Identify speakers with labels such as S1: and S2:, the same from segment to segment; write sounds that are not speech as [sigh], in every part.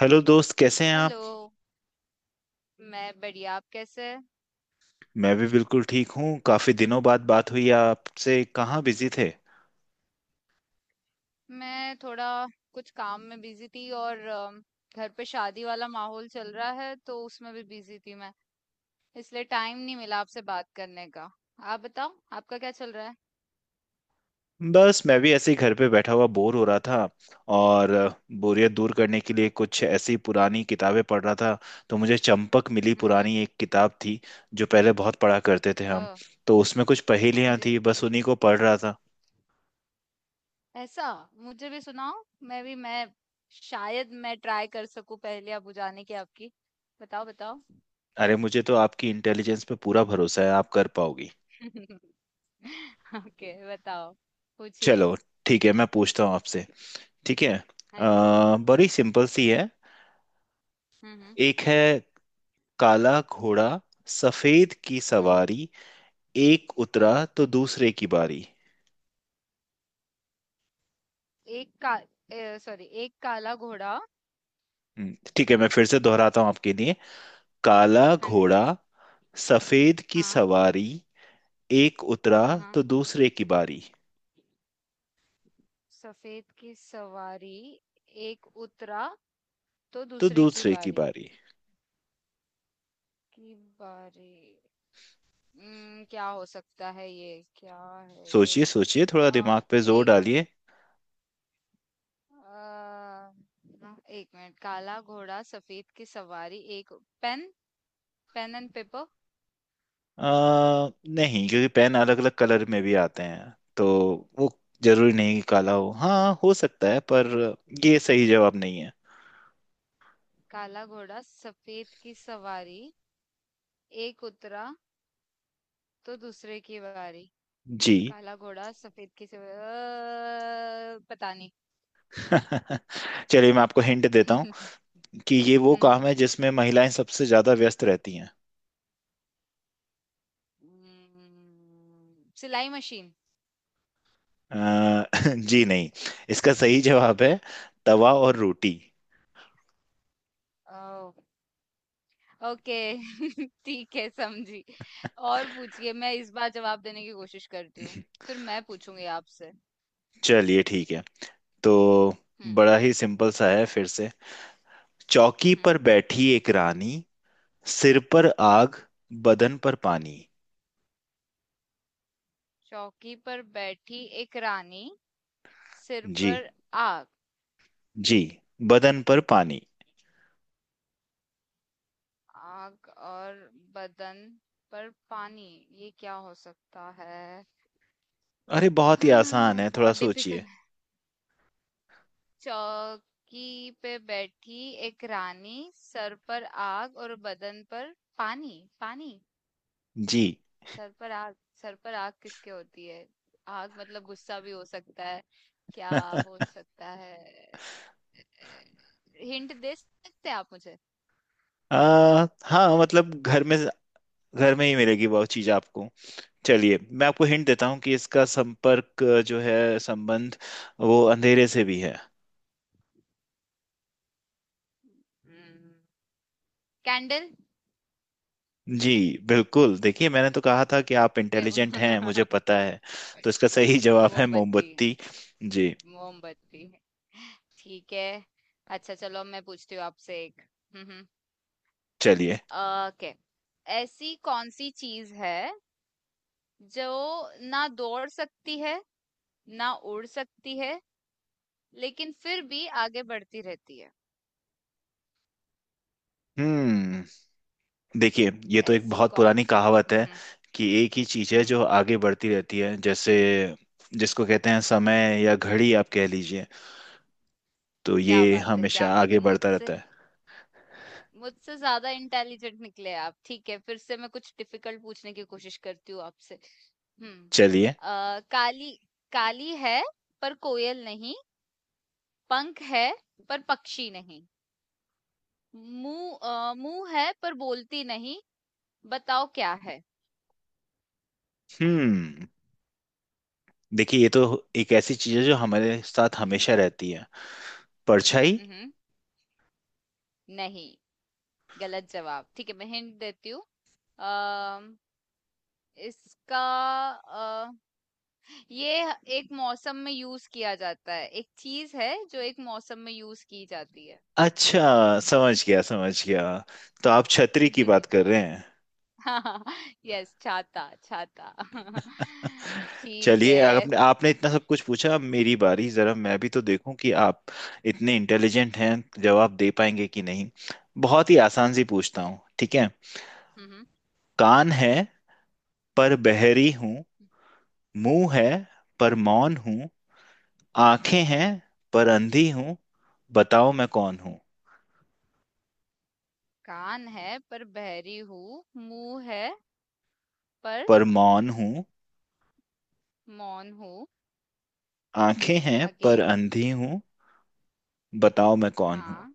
S1: Hello दोस्त कैसे हैं आप।
S2: हेलो। मैं बढ़िया, आप कैसे हैं?
S1: मैं भी बिल्कुल ठीक हूँ, काफी दिनों बाद बात हुई आपसे, कहाँ बिजी थे।
S2: मैं थोड़ा कुछ काम में बिजी थी और घर पे शादी वाला माहौल चल रहा है तो उसमें भी बिजी थी मैं। इसलिए टाइम नहीं मिला आपसे बात करने का। आप बताओ, आपका क्या चल रहा है?
S1: बस मैं भी ऐसे ही घर पे बैठा हुआ बोर हो रहा था, और अ, बोरियत दूर करने के लिए कुछ ऐसी पुरानी किताबें पढ़ रहा था। तो मुझे चंपक मिली,
S2: हम्म।
S1: पुरानी एक किताब थी जो पहले बहुत पढ़ा करते थे हम।
S2: ओ।
S1: तो उसमें कुछ
S2: हाँ
S1: पहेलियां
S2: जी।
S1: थी, बस उन्हीं को पढ़ रहा था।
S2: ऐसा। मुझे भी सुनाओ। मैं शायद मैं ट्राई कर सकूं, पहले आप बुझाने की आपकी। बताओ, बताओ।
S1: अरे मुझे तो आपकी इंटेलिजेंस पे पूरा भरोसा है, आप कर पाओगी।
S2: [laughs] ओके, बताओ, पूछिए।
S1: चलो ठीक है, मैं पूछता हूँ आपसे। ठीक है,
S2: हाँ जी।
S1: बड़ी सिंपल सी है।
S2: हम्म। हम्म।
S1: एक है, काला घोड़ा सफेद की
S2: हम्म।
S1: सवारी, एक उतरा
S2: हम्म।
S1: तो दूसरे की बारी।
S2: एक का, सॉरी, एक काला घोड़ा।
S1: ठीक है, मैं फिर से दोहराता हूँ आपके लिए। काला
S2: हाँ जी।
S1: घोड़ा सफेद की
S2: हाँ,
S1: सवारी, एक उतरा
S2: हाँ, हाँ।
S1: तो दूसरे की बारी।
S2: सफेद की सवारी, एक उतरा तो
S1: तो
S2: दूसरे की
S1: दूसरे की
S2: बारी।
S1: बारी।
S2: की बारी। क्या हो सकता है ये? क्या है
S1: सोचिए
S2: ये?
S1: सोचिए, थोड़ा
S2: आ,
S1: दिमाग पे जोर
S2: एक आ,
S1: डालिए।
S2: एक मिनट, काला घोड़ा, सफेद की सवारी, एक पेन पेन एंड पेपर।
S1: आ, नहीं, क्योंकि पेन अलग अलग कलर में भी आते हैं, तो वो जरूरी नहीं कि काला हो। हाँ हो सकता है, पर ये सही जवाब नहीं है।
S2: काला घोड़ा, सफेद की सवारी, एक उतरा तो दूसरे की बारी।
S1: जी।
S2: काला घोड़ा, सफेद के सिवा, पता नहीं।
S1: [laughs] चलिए मैं आपको हिंट देता हूँ
S2: [laughs]
S1: कि ये वो काम
S2: हम्म
S1: है जिसमें महिलाएं सबसे ज्यादा व्यस्त रहती हैं।
S2: सिलाई मशीन।
S1: अ, [laughs] जी नहीं। इसका सही जवाब है तवा और रोटी।
S2: ओ। ओके। [laughs] ठीक है, समझी। और पूछिए, मैं इस बार जवाब देने की कोशिश करती हूँ। फिर मैं पूछूंगी आपसे।
S1: चलिए ठीक है, तो
S2: हम्म
S1: बड़ा ही सिंपल सा है फिर से। चौकी
S2: हम्म
S1: पर बैठी एक रानी, सिर पर आग, बदन पर पानी।
S2: चौकी पर बैठी एक रानी, सिर
S1: जी।
S2: पर आग।
S1: जी, बदन पर पानी।
S2: आग और बदन पर पानी। ये क्या हो सकता है?
S1: अरे
S2: [gasps]
S1: बहुत ही आसान
S2: हाँ,
S1: है, थोड़ा
S2: बहुत
S1: सोचिए।
S2: डिफिकल्ट। चौकी पे बैठी एक रानी, सर पर आग और बदन पर पानी। पानी।
S1: जी।
S2: सर पर आग। सर पर आग किसके होती है? आग मतलब गुस्सा भी हो सकता है, क्या?
S1: [laughs]
S2: हो सकता है? हिंट दे सकते हैं आप मुझे?
S1: हाँ मतलब घर में, घर में ही मिलेगी वो चीज आपको। चलिए मैं आपको हिंट देता हूँ कि इसका संपर्क जो है संबंध, वो अंधेरे से भी है।
S2: कैंडल।
S1: जी बिल्कुल, देखिए मैंने तो कहा था कि आप
S2: [laughs] मैं।
S1: इंटेलिजेंट हैं, मुझे पता है। तो इसका सही जवाब है
S2: मोमबत्ती।
S1: मोमबत्ती। जी।
S2: मोमबत्ती। ठीक है। अच्छा चलो, अब मैं पूछती हूँ आपसे एक। हम्म हम्म।
S1: चलिए।
S2: ओके, ऐसी कौन सी चीज है जो ना दौड़ सकती है, ना उड़ सकती है, लेकिन फिर भी आगे बढ़ती रहती है?
S1: हम्म, देखिए ये तो एक
S2: ऐसी
S1: बहुत
S2: कौन
S1: पुरानी
S2: सी।
S1: कहावत है
S2: हम्म।
S1: कि एक ही चीज है
S2: हम्म।
S1: जो आगे बढ़ती रहती है, जैसे
S2: हम्म,
S1: जिसको कहते हैं समय या घड़ी, आप कह लीजिए। तो
S2: क्या
S1: ये
S2: बात है, क्या
S1: हमेशा
S2: बात
S1: आगे
S2: है!
S1: बढ़ता रहता
S2: मुझसे
S1: है।
S2: मुझसे ज्यादा इंटेलिजेंट निकले आप। ठीक है, फिर से मैं कुछ डिफिकल्ट पूछने की कोशिश करती हूँ आपसे। हम्म।
S1: चलिए।
S2: अ, काली काली है पर कोयल नहीं, पंख है पर पक्षी नहीं, मुंह है पर बोलती नहीं। बताओ क्या है?
S1: हम्म, देखिए ये तो एक ऐसी चीज है जो हमारे साथ हमेशा रहती है, परछाई।
S2: हम्म। नहीं, गलत जवाब। ठीक है, मैं हिंट देती हूँ। अम, इसका अ, ये एक मौसम में यूज किया जाता है, एक चीज है जो एक मौसम में यूज की जाती है।
S1: अच्छा समझ गया समझ गया, तो आप छतरी की बात
S2: [laughs]
S1: कर रहे हैं।
S2: हाँ, यस, छाता, छाता। [laughs]
S1: [laughs]
S2: ठीक
S1: चलिए,
S2: है।
S1: आपने आपने इतना सब कुछ पूछा, अब मेरी बारी, जरा मैं भी तो देखूं कि आप इतने
S2: हम्म,
S1: इंटेलिजेंट हैं, जवाब दे पाएंगे कि नहीं। बहुत ही आसान सी
S2: ठीक
S1: पूछता
S2: है।
S1: हूँ, ठीक है।
S2: हम्म
S1: कान है पर बहरी हूँ, मुंह है पर मौन हूँ, आंखें हैं पर अंधी हूँ, बताओ मैं कौन हूँ।
S2: कान है पर बहरी हूँ, मुंह है पर
S1: पर मौन हूँ,
S2: मौन हूँ।
S1: आंखें हैं
S2: आगे?
S1: पर अंधी हूँ, बताओ मैं कौन हूँ।
S2: हाँ।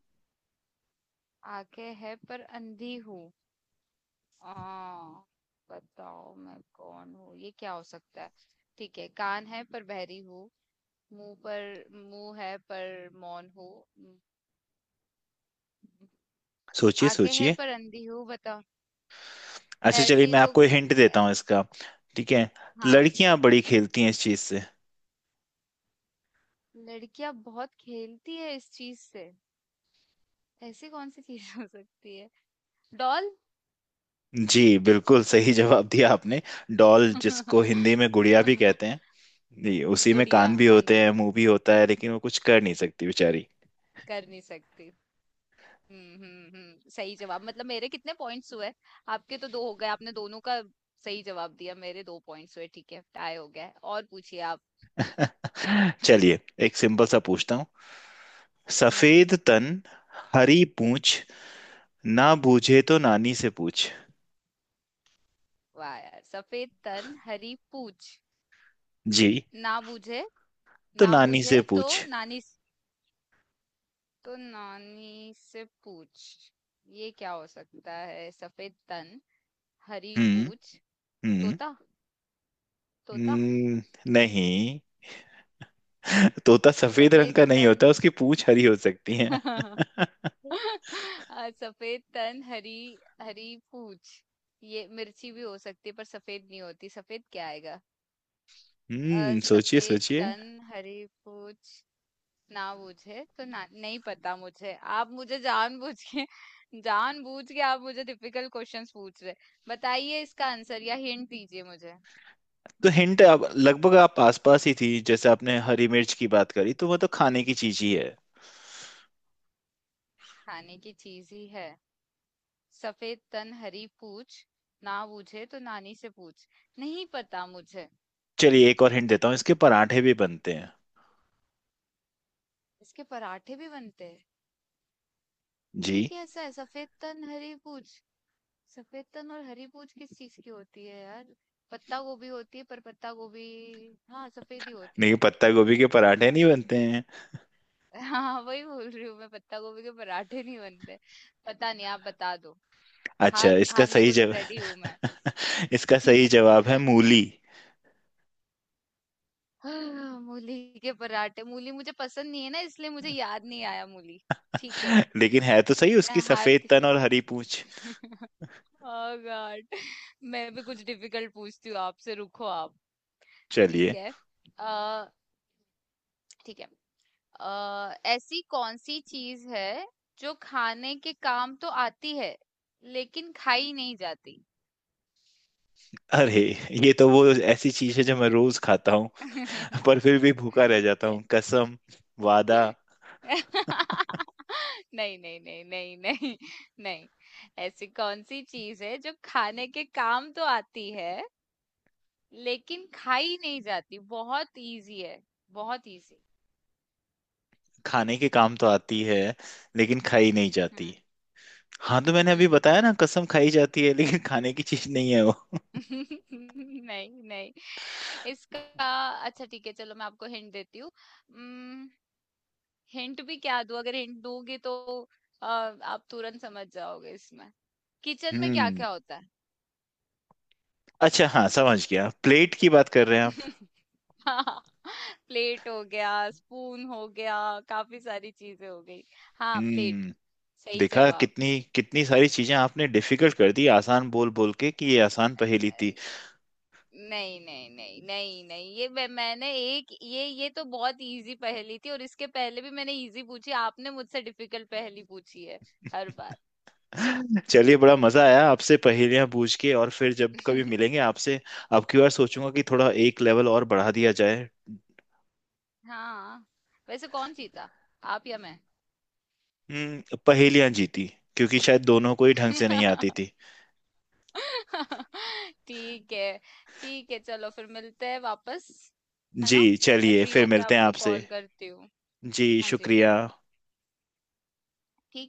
S2: आंखें है पर अंधी हूँ। आ, बताओ मैं कौन हूँ? ये क्या हो सकता है? ठीक है, कान है पर बहरी हूँ, मुंह पर मुंह है पर मौन हूँ। म-
S1: सोचिए
S2: आंखें है
S1: सोचिए।
S2: पर अंधी हूँ। बताओ।
S1: अच्छा चलिए
S2: ऐसी
S1: मैं
S2: तो...
S1: आपको हिंट देता हूँ इसका। ठीक है,
S2: हाँ।
S1: लड़कियां बड़ी खेलती हैं इस चीज से।
S2: लड़कियां बहुत खेलती है इस चीज से। ऐसी कौन सी चीज हो सकती है? डॉल।
S1: जी बिल्कुल सही जवाब दिया आपने। डॉल, जिसको हिंदी में गुड़िया भी कहते
S2: [laughs]
S1: हैं। जी, उसी में
S2: गुड़िया,
S1: कान भी
S2: हाँ
S1: होते
S2: जी।
S1: हैं, मुंह भी होता है, लेकिन वो कुछ कर नहीं सकती बेचारी।
S2: कर नहीं सकती। सही जवाब। मतलब मेरे कितने पॉइंट्स हुए? आपके तो दो हो गए, आपने दोनों का सही जवाब दिया, मेरे दो पॉइंट्स हुए। ठीक है, टाई हो गया है। और पूछिए आप।
S1: [laughs] चलिए, एक सिंपल सा पूछता हूँ।
S2: हम्म।
S1: सफेद तन, हरी पूछ, ना बूझे तो नानी से पूछ।
S2: वाह यार, सफेद तन हरी पूछ।
S1: जी।
S2: ना बूझे,
S1: तो
S2: ना
S1: नानी
S2: बूझे
S1: से
S2: तो
S1: पूछ।
S2: नानी से पूछ। ये क्या हो सकता है, सफेद तन हरी
S1: हम्म।
S2: पूछ?
S1: हम्म,
S2: तोता। तोता।
S1: हम्म, नहीं। तोता सफेद रंग
S2: सफेद
S1: का नहीं
S2: तन।
S1: होता, उसकी पूंछ हरी हो सकती है।
S2: [laughs] [laughs] सफेद तन, हरी हरी पूछ। ये मिर्ची भी हो सकती है पर सफेद नहीं होती। सफेद क्या आएगा?
S1: हम्म, सोचिए
S2: सफेद
S1: सोचिए।
S2: तन हरी पूछ, ना बूझे तो नहीं पता मुझे। आप मुझे जानबूझ के [laughs] जानबूझ के आप मुझे डिफिकल्ट क्वेश्चंस पूछ रहे। बताइए इसका आंसर या हिंट दीजिए मुझे।
S1: तो हिंट अब लगभग आप आस पास ही थी, जैसे आपने हरी मिर्च की बात करी, तो वो तो खाने की चीज ही है।
S2: खाने की चीज ही है। सफेद तन हरी पूछ, ना बूझे तो नानी से पूछ। नहीं पता मुझे।
S1: चलिए एक और हिंट देता हूँ, इसके पराठे भी बनते हैं।
S2: इसके पराठे भी बनते हैं?
S1: जी।
S2: ये कैसा है, सफेद तन हरी पूछ? सफेद तन और हरी पूछ किस चीज की होती है यार? पत्ता गोभी होती है, पर पत्ता गोभी? हाँ, सफेद ही होती
S1: नहीं,
S2: है।
S1: पत्ता गोभी के पराठे नहीं
S2: और...
S1: बनते हैं।
S2: [laughs] हाँ, वही बोल रही हूँ मैं, पत्ता गोभी के पराठे नहीं बनते। पता नहीं, आप बता दो।
S1: अच्छा,
S2: हार
S1: इसका
S2: हारने
S1: सही
S2: को रेडी हूँ मैं।
S1: जवाब [laughs] इसका सही
S2: [laughs]
S1: जवाब है मूली।
S2: हाँ, मूली के पराठे। मूली मुझे पसंद नहीं है ना, इसलिए मुझे याद नहीं आया। मूली। ठीक है।
S1: लेकिन है तो सही
S2: मैं
S1: उसकी सफेद
S2: हारती।
S1: तन और हरी पूंछ।
S2: [laughs] ओह गॉड। मैं भी कुछ डिफिकल्ट पूछती हूँ आपसे, रुको आप। ठीक
S1: चलिए।
S2: है। अ ठीक है। ऐसी कौन सी चीज है जो खाने के काम तो आती है, लेकिन खाई नहीं जाती?
S1: अरे ये तो वो ऐसी चीज है जो मैं रोज खाता हूँ, [laughs]
S2: [laughs]
S1: पर फिर भी भूखा रह जाता
S2: क्या?
S1: हूँ। कसम, वादा।
S2: [laughs] नहीं, नहीं, नहीं, नहीं, नहीं। नहीं। ऐसी कौन सी चीज है जो खाने के काम तो आती है लेकिन खाई नहीं जाती? बहुत इजी है, बहुत इजी।
S1: खाने के काम तो आती है, लेकिन खाई नहीं जाती।
S2: हम्म
S1: हाँ, तो मैंने अभी
S2: हम्म
S1: बताया ना,
S2: हम्म।
S1: कसम खाई जाती है लेकिन खाने की चीज नहीं है वो।
S2: [laughs] नहीं, नहीं, इसका... अच्छा, ठीक है, चलो मैं आपको हिंट देती हूँ। हिंट भी क्या दूँ? अगर हिंट दूंगी तो आप तुरंत समझ जाओगे इसमें। किचन में क्या
S1: हम्म।
S2: क्या होता है?
S1: अच्छा हाँ समझ गया, प्लेट की बात कर रहे हैं आप।
S2: [laughs] हाँ, प्लेट हो गया, स्पून हो गया, काफी सारी चीजें हो गई। हाँ, प्लेट,
S1: हम्म।
S2: सही
S1: देखा,
S2: जवाब।
S1: कितनी कितनी सारी चीजें आपने डिफिकल्ट कर दी, आसान बोल बोल के कि ये आसान पहेली थी।
S2: नहीं, नहीं, नहीं, नहीं, नहीं, ये मैंने एक ये तो बहुत इजी पहेली थी, और इसके पहले भी मैंने इजी पूछी, आपने मुझसे डिफिकल्ट पहेली पूछी है हर बार।
S1: चलिए, बड़ा मजा आया आपसे पहेलियां पूछ के, और फिर जब कभी मिलेंगे
S2: [laughs]
S1: आपसे अब की बार सोचूंगा कि थोड़ा एक लेवल और बढ़ा दिया जाए।
S2: हाँ। वैसे कौन जीता, आप या मैं?
S1: पहेलियां जीती, क्योंकि शायद दोनों को ही ढंग से नहीं आती थी।
S2: [laughs] ठीक है, ठीक है, चलो फिर मिलते हैं वापस, है
S1: जी
S2: ना? मैं
S1: चलिए,
S2: फ्री
S1: फिर
S2: होके
S1: मिलते हैं
S2: आपको
S1: आपसे।
S2: कॉल करती हूँ।
S1: जी
S2: हाँ जी।
S1: शुक्रिया।
S2: ठीक है।